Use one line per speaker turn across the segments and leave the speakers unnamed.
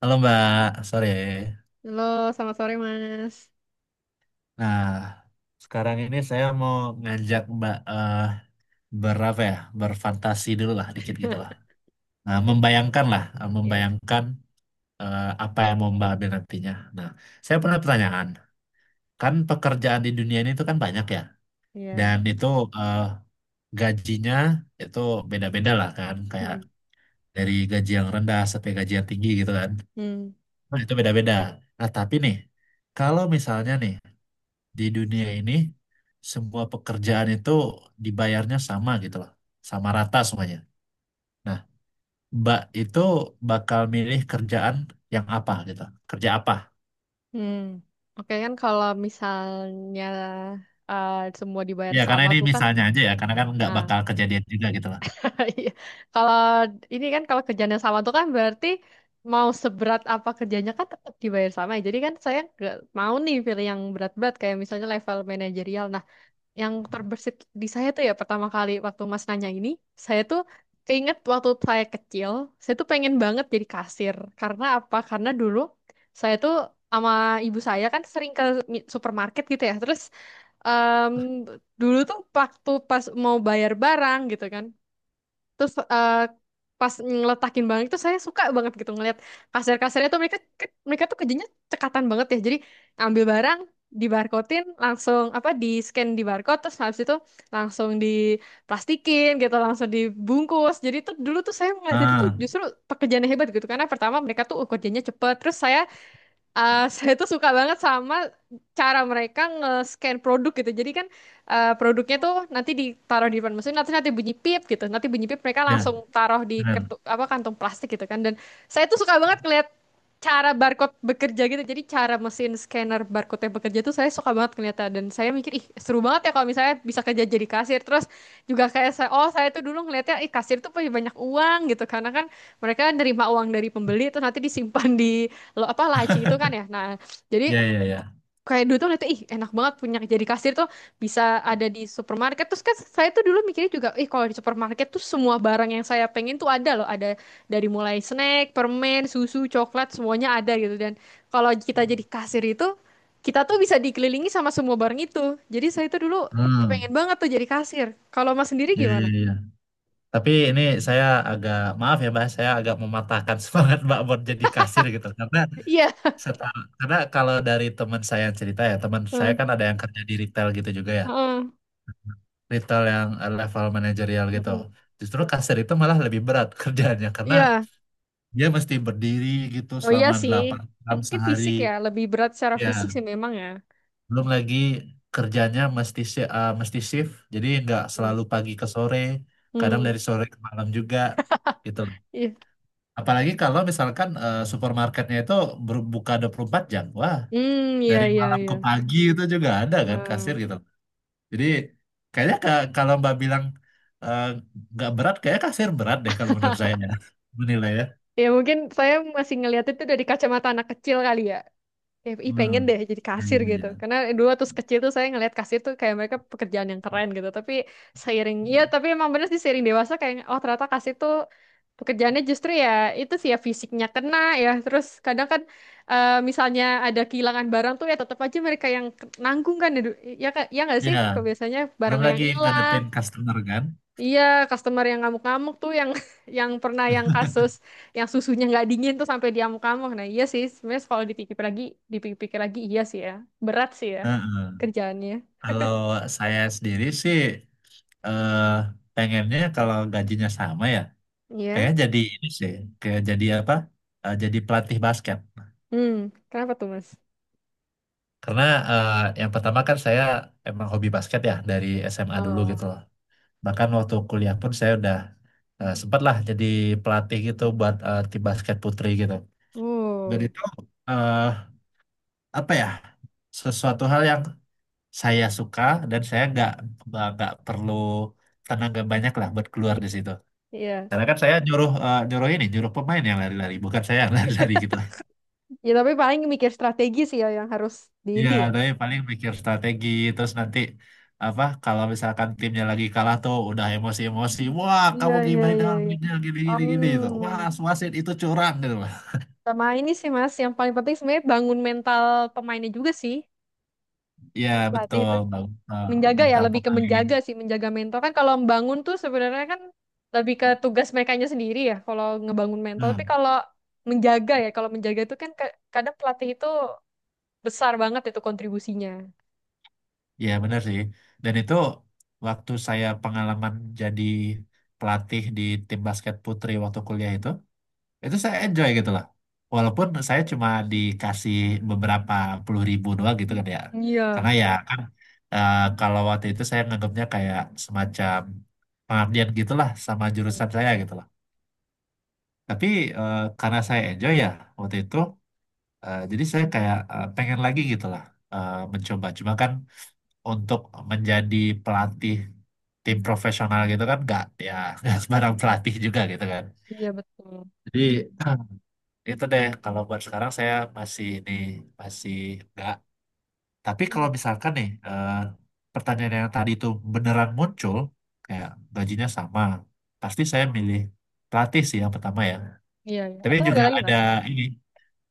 Halo Mbak, sore.
Halo, selamat sore Mas.
Nah, sekarang ini saya mau ngajak Mbak berapa ya, berfantasi dulu lah, dikit gitu lah. Nah, membayangkan lah,
Iya.
apa yang mau Mbak ambil nantinya. Nah, saya punya pertanyaan. Kan pekerjaan di dunia ini itu kan banyak ya, dan
Iya.
eh, gajinya itu beda-beda lah kan, kayak
Mm-mm.
dari gaji yang rendah sampai gaji yang tinggi gitu kan.
Hmm.
Nah, itu beda-beda. Nah, tapi nih, kalau misalnya nih di dunia ini semua pekerjaan itu dibayarnya sama gitu loh, sama rata semuanya. Nah, Mbak itu bakal milih kerjaan yang apa gitu, kerja apa?
Hmm. Oke, kan kalau misalnya semua dibayar
Ya karena
sama
ini
tuh kan.
misalnya aja ya, karena kan nggak
Ah,
bakal kejadian juga gitu loh.
iya. Kalau ini kan kalau kerjanya sama tuh kan berarti mau seberat apa kerjanya kan tetap dibayar sama, ya. Jadi kan saya nggak mau nih pilih yang berat-berat kayak misalnya level manajerial. Nah, yang terbersit di saya tuh ya pertama kali waktu Mas nanya ini, saya tuh keinget waktu saya kecil, saya tuh pengen banget jadi kasir. Karena apa? Karena dulu saya tuh sama ibu saya kan sering ke supermarket gitu ya. Terus em, dulu tuh waktu pas mau bayar barang gitu kan, terus pas ngeletakin barang itu saya suka banget gitu ngeliat kasir-kasirnya tuh mereka mereka tuh kerjanya cekatan banget ya. Jadi ambil barang di, langsung apa di scan di barcode, terus habis itu langsung diplastikin gitu, langsung dibungkus. Jadi tuh dulu tuh saya ngeliat itu tuh
Ah,
justru pekerjaannya hebat gitu, karena pertama mereka tuh kerjanya cepet. Terus saya saya tuh suka banget sama cara mereka nge-scan produk gitu. Jadi kan produknya tuh nanti ditaruh di depan mesin, nanti nanti bunyi pip gitu. Nanti bunyi pip mereka
ya
langsung taruh di
benar,
kertu, apa kantung plastik gitu kan. Dan saya tuh suka banget ngeliat cara barcode bekerja gitu. Jadi cara mesin scanner barcode yang bekerja tuh saya suka banget ngeliatnya. Dan saya mikir, ih seru banget ya kalau misalnya bisa kerja jadi kasir. Terus juga kayak saya, oh saya tuh dulu ngeliatnya, ih kasir tuh punya banyak uang gitu. Karena kan mereka nerima uang dari pembeli terus nanti disimpan di, lo apa, laci itu kan ya. Nah, jadi
ya ya ya.
kayak dulu tuh lihat ih enak banget punya jadi kasir tuh bisa ada di supermarket. Terus kan saya tuh dulu mikirnya juga, ih kalau di supermarket tuh semua barang yang saya pengen tuh ada loh, ada dari mulai snack, permen, susu, coklat, semuanya ada gitu. Dan kalau kita jadi kasir itu kita tuh bisa dikelilingi sama semua barang itu. Jadi saya tuh dulu kepengen
Hmm,
banget tuh jadi kasir. Kalau Mas sendiri
ya ya
gimana?
ya. Ya. Tapi ini saya agak maaf ya Mbak, saya agak mematahkan semangat Mbak buat jadi kasir gitu. Karena
Iya.
seta- karena kalau dari teman saya yang cerita ya, teman saya
Heeh.
kan ada yang kerja di retail gitu juga ya.
Heeh.
Retail yang level manajerial gitu.
Heeh.
Justru kasir itu malah lebih berat kerjaannya karena
Iya.
dia mesti berdiri gitu
Oh iya
selama
sih,
8 jam
mungkin
sehari.
fisik ya, lebih berat secara fisik
Ya,
sih memang ya.
belum lagi kerjanya mesti shift, jadi nggak
Hmm,
selalu pagi ke sore, kadang
hmm,
dari sore ke malam juga gitu.
iya,
Apalagi kalau misalkan supermarketnya itu berbuka 24 jam. Wah,
hmm, iya,
dari
iya,
malam
iya.
ke pagi itu juga ada kan kasir
Wah.
gitu. Jadi kayaknya kalau Mbak bilang eh, nggak berat, kayaknya kasir berat deh kalau menurut saya ya. Menilai ya.
Ya mungkin saya masih ngeliat itu dari kacamata anak kecil kali ya. Ya, ih pengen
Hmm.
deh jadi kasir gitu.
Iya.
Karena dulu waktu kecil tuh saya ngeliat kasir tuh kayak mereka pekerjaan yang keren gitu. Tapi seiring, ya tapi emang bener sih seiring dewasa kayak, oh ternyata kasir tuh pekerjaannya justru ya itu sih ya fisiknya kena ya. Terus kadang kan misalnya ada kehilangan barang tuh ya tetap aja mereka yang nanggung kan. Ya, ya, ya nggak sih?
Ya,
Kok biasanya
belum
barang yang
lagi
hilang.
ngadepin customer kan.
Iya, customer yang ngamuk-ngamuk tuh yang yang pernah yang kasus yang susunya nggak dingin tuh sampai dia ngamuk-ngamuk. Nah, iya sih, sebenarnya kalau dipikir lagi, dipikir-pikir lagi iya sih ya. Berat sih ya
Heeh.
kerjaannya.
Kalau saya sendiri sih, eh, pengennya kalau gajinya sama ya,
Iya.
pengen jadi ini sih, kayak jadi apa? Eh, jadi pelatih basket.
Hmm, kenapa tuh, Mas?
Karena eh, yang pertama kan saya emang hobi basket ya dari SMA dulu
Oh.
gitu loh. Bahkan waktu kuliah pun saya udah sempat lah jadi pelatih gitu buat tim basket putri gitu. Dan
Oh,
itu eh, apa ya sesuatu hal yang saya suka dan saya nggak perlu tenaga banyak lah buat keluar di situ.
iya.
Karena kan saya nyuruh eh, nyuruh ini nyuruh pemain yang lari-lari bukan saya yang lari-lari gitu.
Ya tapi paling mikir strategi sih ya yang harus di
Iya,
ini ya.
tapi paling mikir strategi terus nanti apa kalau misalkan timnya lagi kalah tuh udah emosi-emosi, wah
Iya,
kamu
iya,
gimana
iya,
dengan
iya.
begini gini gini gini gitu. Wah,
Hmm.
wasit itu curang gitu.
Sama ini sih Mas, yang paling penting sebenarnya bangun mental pemainnya juga sih.
Ya
Sama pelatih
betul
itu.
Bang. Eh,
Menjaga ya,
mental
lebih ke
pemain.
menjaga sih, menjaga mental kan. Kalau membangun tuh sebenarnya kan lebih ke tugas merekanya sendiri ya kalau ngebangun mental, tapi
Hmm,
kalau menjaga, ya kalau menjaga itu kan kadang pelatih itu besar banget itu kontribusinya.
ya benar sih. Dan itu waktu saya pengalaman jadi pelatih di tim basket putri waktu kuliah itu saya enjoy gitu lah. Walaupun saya cuma dikasih beberapa puluh ribu doang gitu kan ya.
Iya.
Karena ya kan, kalau waktu itu saya nganggapnya kayak semacam pengabdian gitulah sama
Hmm.
jurusan saya gitu lah. Tapi karena saya enjoy ya waktu itu. Jadi saya kayak pengen lagi gitu lah mencoba. Cuma kan untuk menjadi pelatih tim profesional gitu kan nggak, ya nggak sembarang pelatih juga gitu kan.
Iya betul.
Jadi itu deh kalau buat sekarang saya masih nggak. Tapi kalau
Hmm.
misalkan nih, pertanyaan yang tadi itu beneran muncul kayak gajinya sama, pasti saya milih pelatih sih yang pertama ya.
Iya iya,
Tapi
atau ada
juga
lagi
ada
Mas?
ini,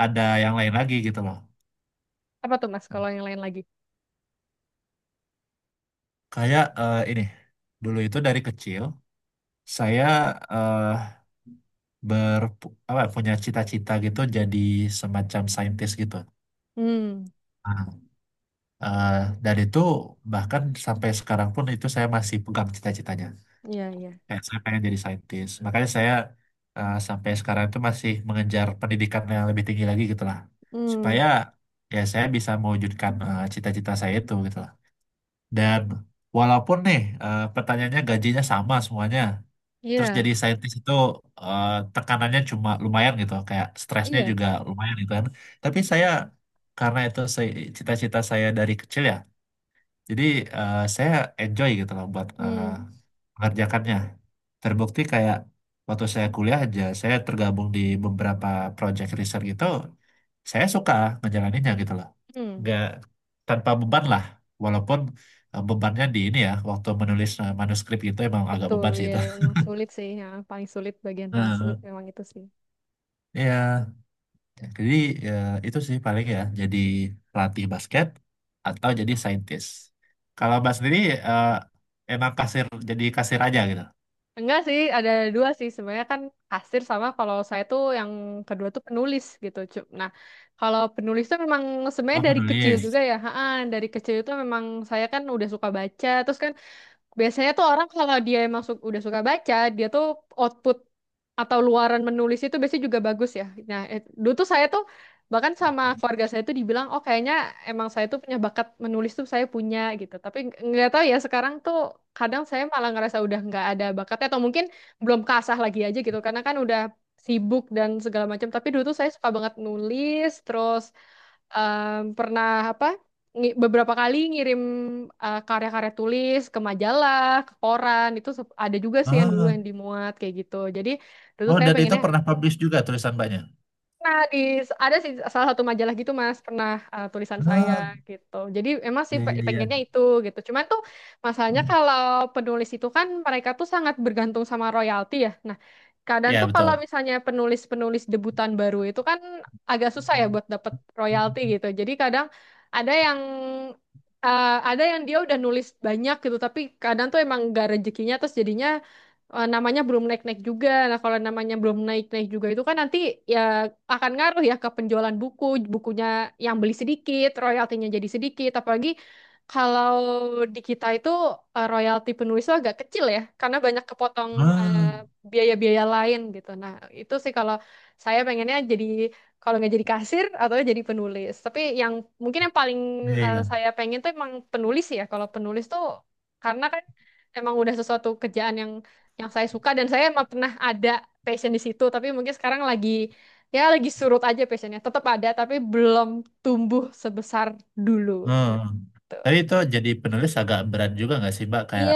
ada yang lain lagi gitu loh.
Apa tuh Mas kalau yang lain lagi?
Kayak eh, ini dulu itu dari kecil saya eh, ber apa punya cita-cita gitu jadi semacam saintis gitu.
Hmm.
Ah, Eh, dan itu bahkan sampai sekarang pun itu saya masih pegang cita-citanya.
Iya iya.
Kayak saya pengen jadi saintis. Makanya saya sampai sekarang itu masih mengejar pendidikan yang lebih tinggi lagi gitu lah.
Hmm.
Supaya ya saya bisa mewujudkan cita-cita saya itu gitu lah. Dan walaupun nih, pertanyaannya gajinya sama semuanya. Terus
Iya
jadi saintis itu eh, tekanannya cuma lumayan gitu, kayak stresnya
iya.
juga lumayan gitu kan. Tapi saya, karena itu saya- cita-cita saya dari kecil ya, jadi saya enjoy gitu loh buat
Hmm.
mengerjakannya. Terbukti kayak waktu saya kuliah aja, saya tergabung di beberapa project riset gitu, saya suka ngejalaninnya gitu loh.
Hmm.
Nggak, tanpa beban lah, walaupun bebannya di ini ya, waktu menulis manuskrip itu emang agak
Betul
beban sih
ya,
itu.
emang sulit sih ya, paling sulit bagian paling
Nah,
sulit memang itu sih.
iya. Jadi ya, itu sih paling ya jadi pelatih basket atau jadi saintis. Kalau Mbak sendiri eh, emang kasir jadi kasir aja gitu.
Enggak sih, ada dua sih sebenarnya kan, kasir sama kalau saya tuh yang kedua tuh penulis gitu. Nah, kalau penulis tuh memang sebenarnya
Oh
dari kecil
penulis.
juga ya. Ha, dari kecil itu memang saya kan udah suka baca. Terus kan biasanya tuh orang kalau dia masuk udah suka baca, dia tuh output atau luaran menulis itu biasanya juga bagus ya. Nah, dulu tuh saya tuh bahkan sama keluarga saya tuh dibilang, oh kayaknya emang saya tuh punya bakat menulis tuh saya punya gitu. Tapi nggak tahu ya sekarang tuh kadang saya malah ngerasa udah nggak ada bakatnya, atau mungkin belum kasah lagi aja gitu. Karena kan udah sibuk dan segala macam. Tapi dulu tuh saya suka banget nulis, terus pernah apa beberapa kali ngirim karya-karya tulis ke majalah, ke koran itu ada juga sih yang dulu
Oh,
yang dimuat kayak gitu. Jadi dulu
oh
saya
dan itu
pengennya.
pernah publish juga tulisan Mbaknya.
Nah, di ada sih salah satu majalah gitu Mas, pernah tulisan saya
Ah,
gitu. Jadi emang sih
iya iya iya.
pengennya itu gitu. Cuman tuh masalahnya kalau penulis itu kan mereka tuh sangat bergantung sama royalti ya. Nah, kadang
Iya
tuh kalau
betul.
misalnya penulis-penulis debutan baru itu kan agak susah ya buat dapet royalti gitu. Jadi kadang ada yang ada yang dia udah nulis banyak gitu, tapi kadang tuh emang gak rezekinya, terus jadinya namanya belum naik-naik juga. Nah, kalau namanya belum naik-naik juga itu kan nanti ya akan ngaruh ya ke penjualan buku, bukunya yang beli sedikit, royaltinya jadi sedikit. Apalagi kalau di kita itu royalti penulis itu agak kecil ya, karena banyak kepotong eh,
Ah,
biaya-biaya lain gitu. Nah, itu sih kalau saya pengennya jadi kalau nggak jadi kasir atau jadi penulis. Tapi yang mungkin yang paling
iya iya.
saya pengen tuh emang penulis ya. Kalau penulis tuh karena kan emang udah sesuatu kerjaan yang saya suka dan saya emang pernah ada passion di situ, tapi mungkin sekarang lagi ya lagi surut aja, passionnya tetap ada tapi belum tumbuh sebesar dulu
Hmm.
tuh.
Tapi itu jadi penulis agak berat juga nggak sih Mbak, kayak
Iya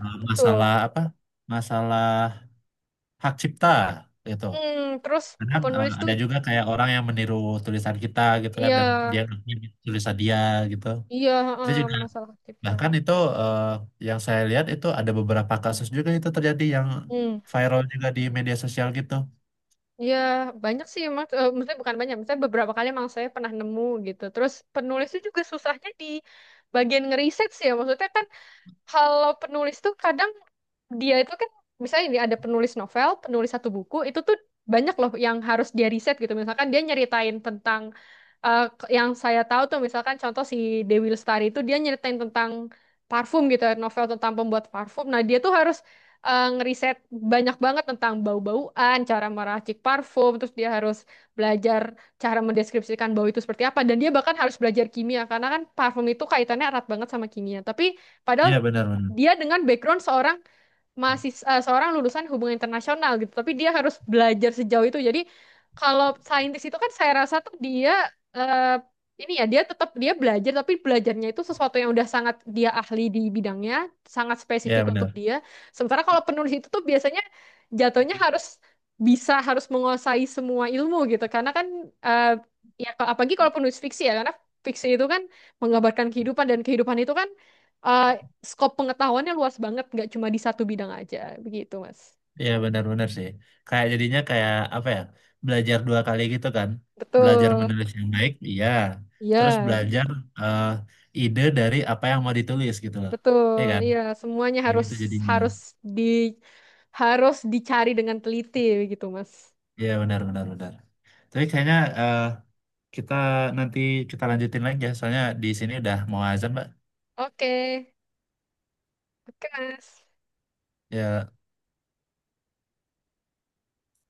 betul.
masalah apa? Masalah hak cipta gitu.
Hmm, terus
Kadang
penulis tuh.
ada juga kayak orang yang meniru tulisan kita gitu kan
Iya
dan dia ngakui tulisan dia gitu.
iya.
Itu
Eh,
juga,
masalah kita.
bahkan itu eh, yang saya lihat itu ada beberapa kasus juga itu terjadi yang
Hmm.
viral juga di media sosial gitu.
Ya banyak sih emang, eh, maksudnya bukan banyak, maksudnya beberapa kali emang saya pernah nemu gitu. Terus penulis itu juga susahnya di bagian ngeriset sih ya, maksudnya kan kalau penulis tuh kadang dia itu kan misalnya ini ada penulis novel, penulis satu buku, itu tuh banyak loh yang harus dia riset gitu. Misalkan dia nyeritain tentang yang saya tahu tuh misalkan contoh si Dewi Lestari itu dia nyeritain tentang parfum gitu, novel tentang pembuat parfum. Nah, dia tuh harus ngeriset banyak banget tentang bau-bauan, cara meracik parfum, terus dia harus belajar cara mendeskripsikan bau itu seperti apa, dan dia bahkan harus belajar kimia karena kan parfum itu kaitannya erat banget sama kimia. Tapi padahal
Iya benar benar.
dia dengan background seorang masih seorang lulusan hubungan internasional gitu, tapi dia harus belajar sejauh itu. Jadi kalau saintis itu kan saya rasa tuh dia eh, ini ya dia tetap dia belajar, tapi belajarnya itu sesuatu yang udah sangat dia ahli di bidangnya, sangat
Iya
spesifik untuk
benar.
dia. Sementara kalau penulis itu tuh biasanya jatuhnya harus bisa harus menguasai semua ilmu gitu, karena kan eh, ya apalagi kalau penulis fiksi ya, karena fiksi itu kan menggambarkan kehidupan, dan kehidupan itu kan eh, skop pengetahuannya luas banget, nggak cuma di satu bidang aja, begitu Mas.
Iya benar benar sih, kayak jadinya kayak apa ya, belajar dua kali gitu kan, belajar
Betul,
menulis yang baik, iya, terus
iya,
belajar eh, ide dari apa yang mau ditulis gitu loh, iya
betul,
kan.
iya, semuanya
Ya
harus
gitu jadinya.
harus di harus dicari dengan teliti, begitu Mas.
Iya benar benar benar. Tapi kayaknya kita nanti kita lanjutin lagi ya, soalnya di sini udah mau azan, Mbak.
Oke, oke Mas.
Ya,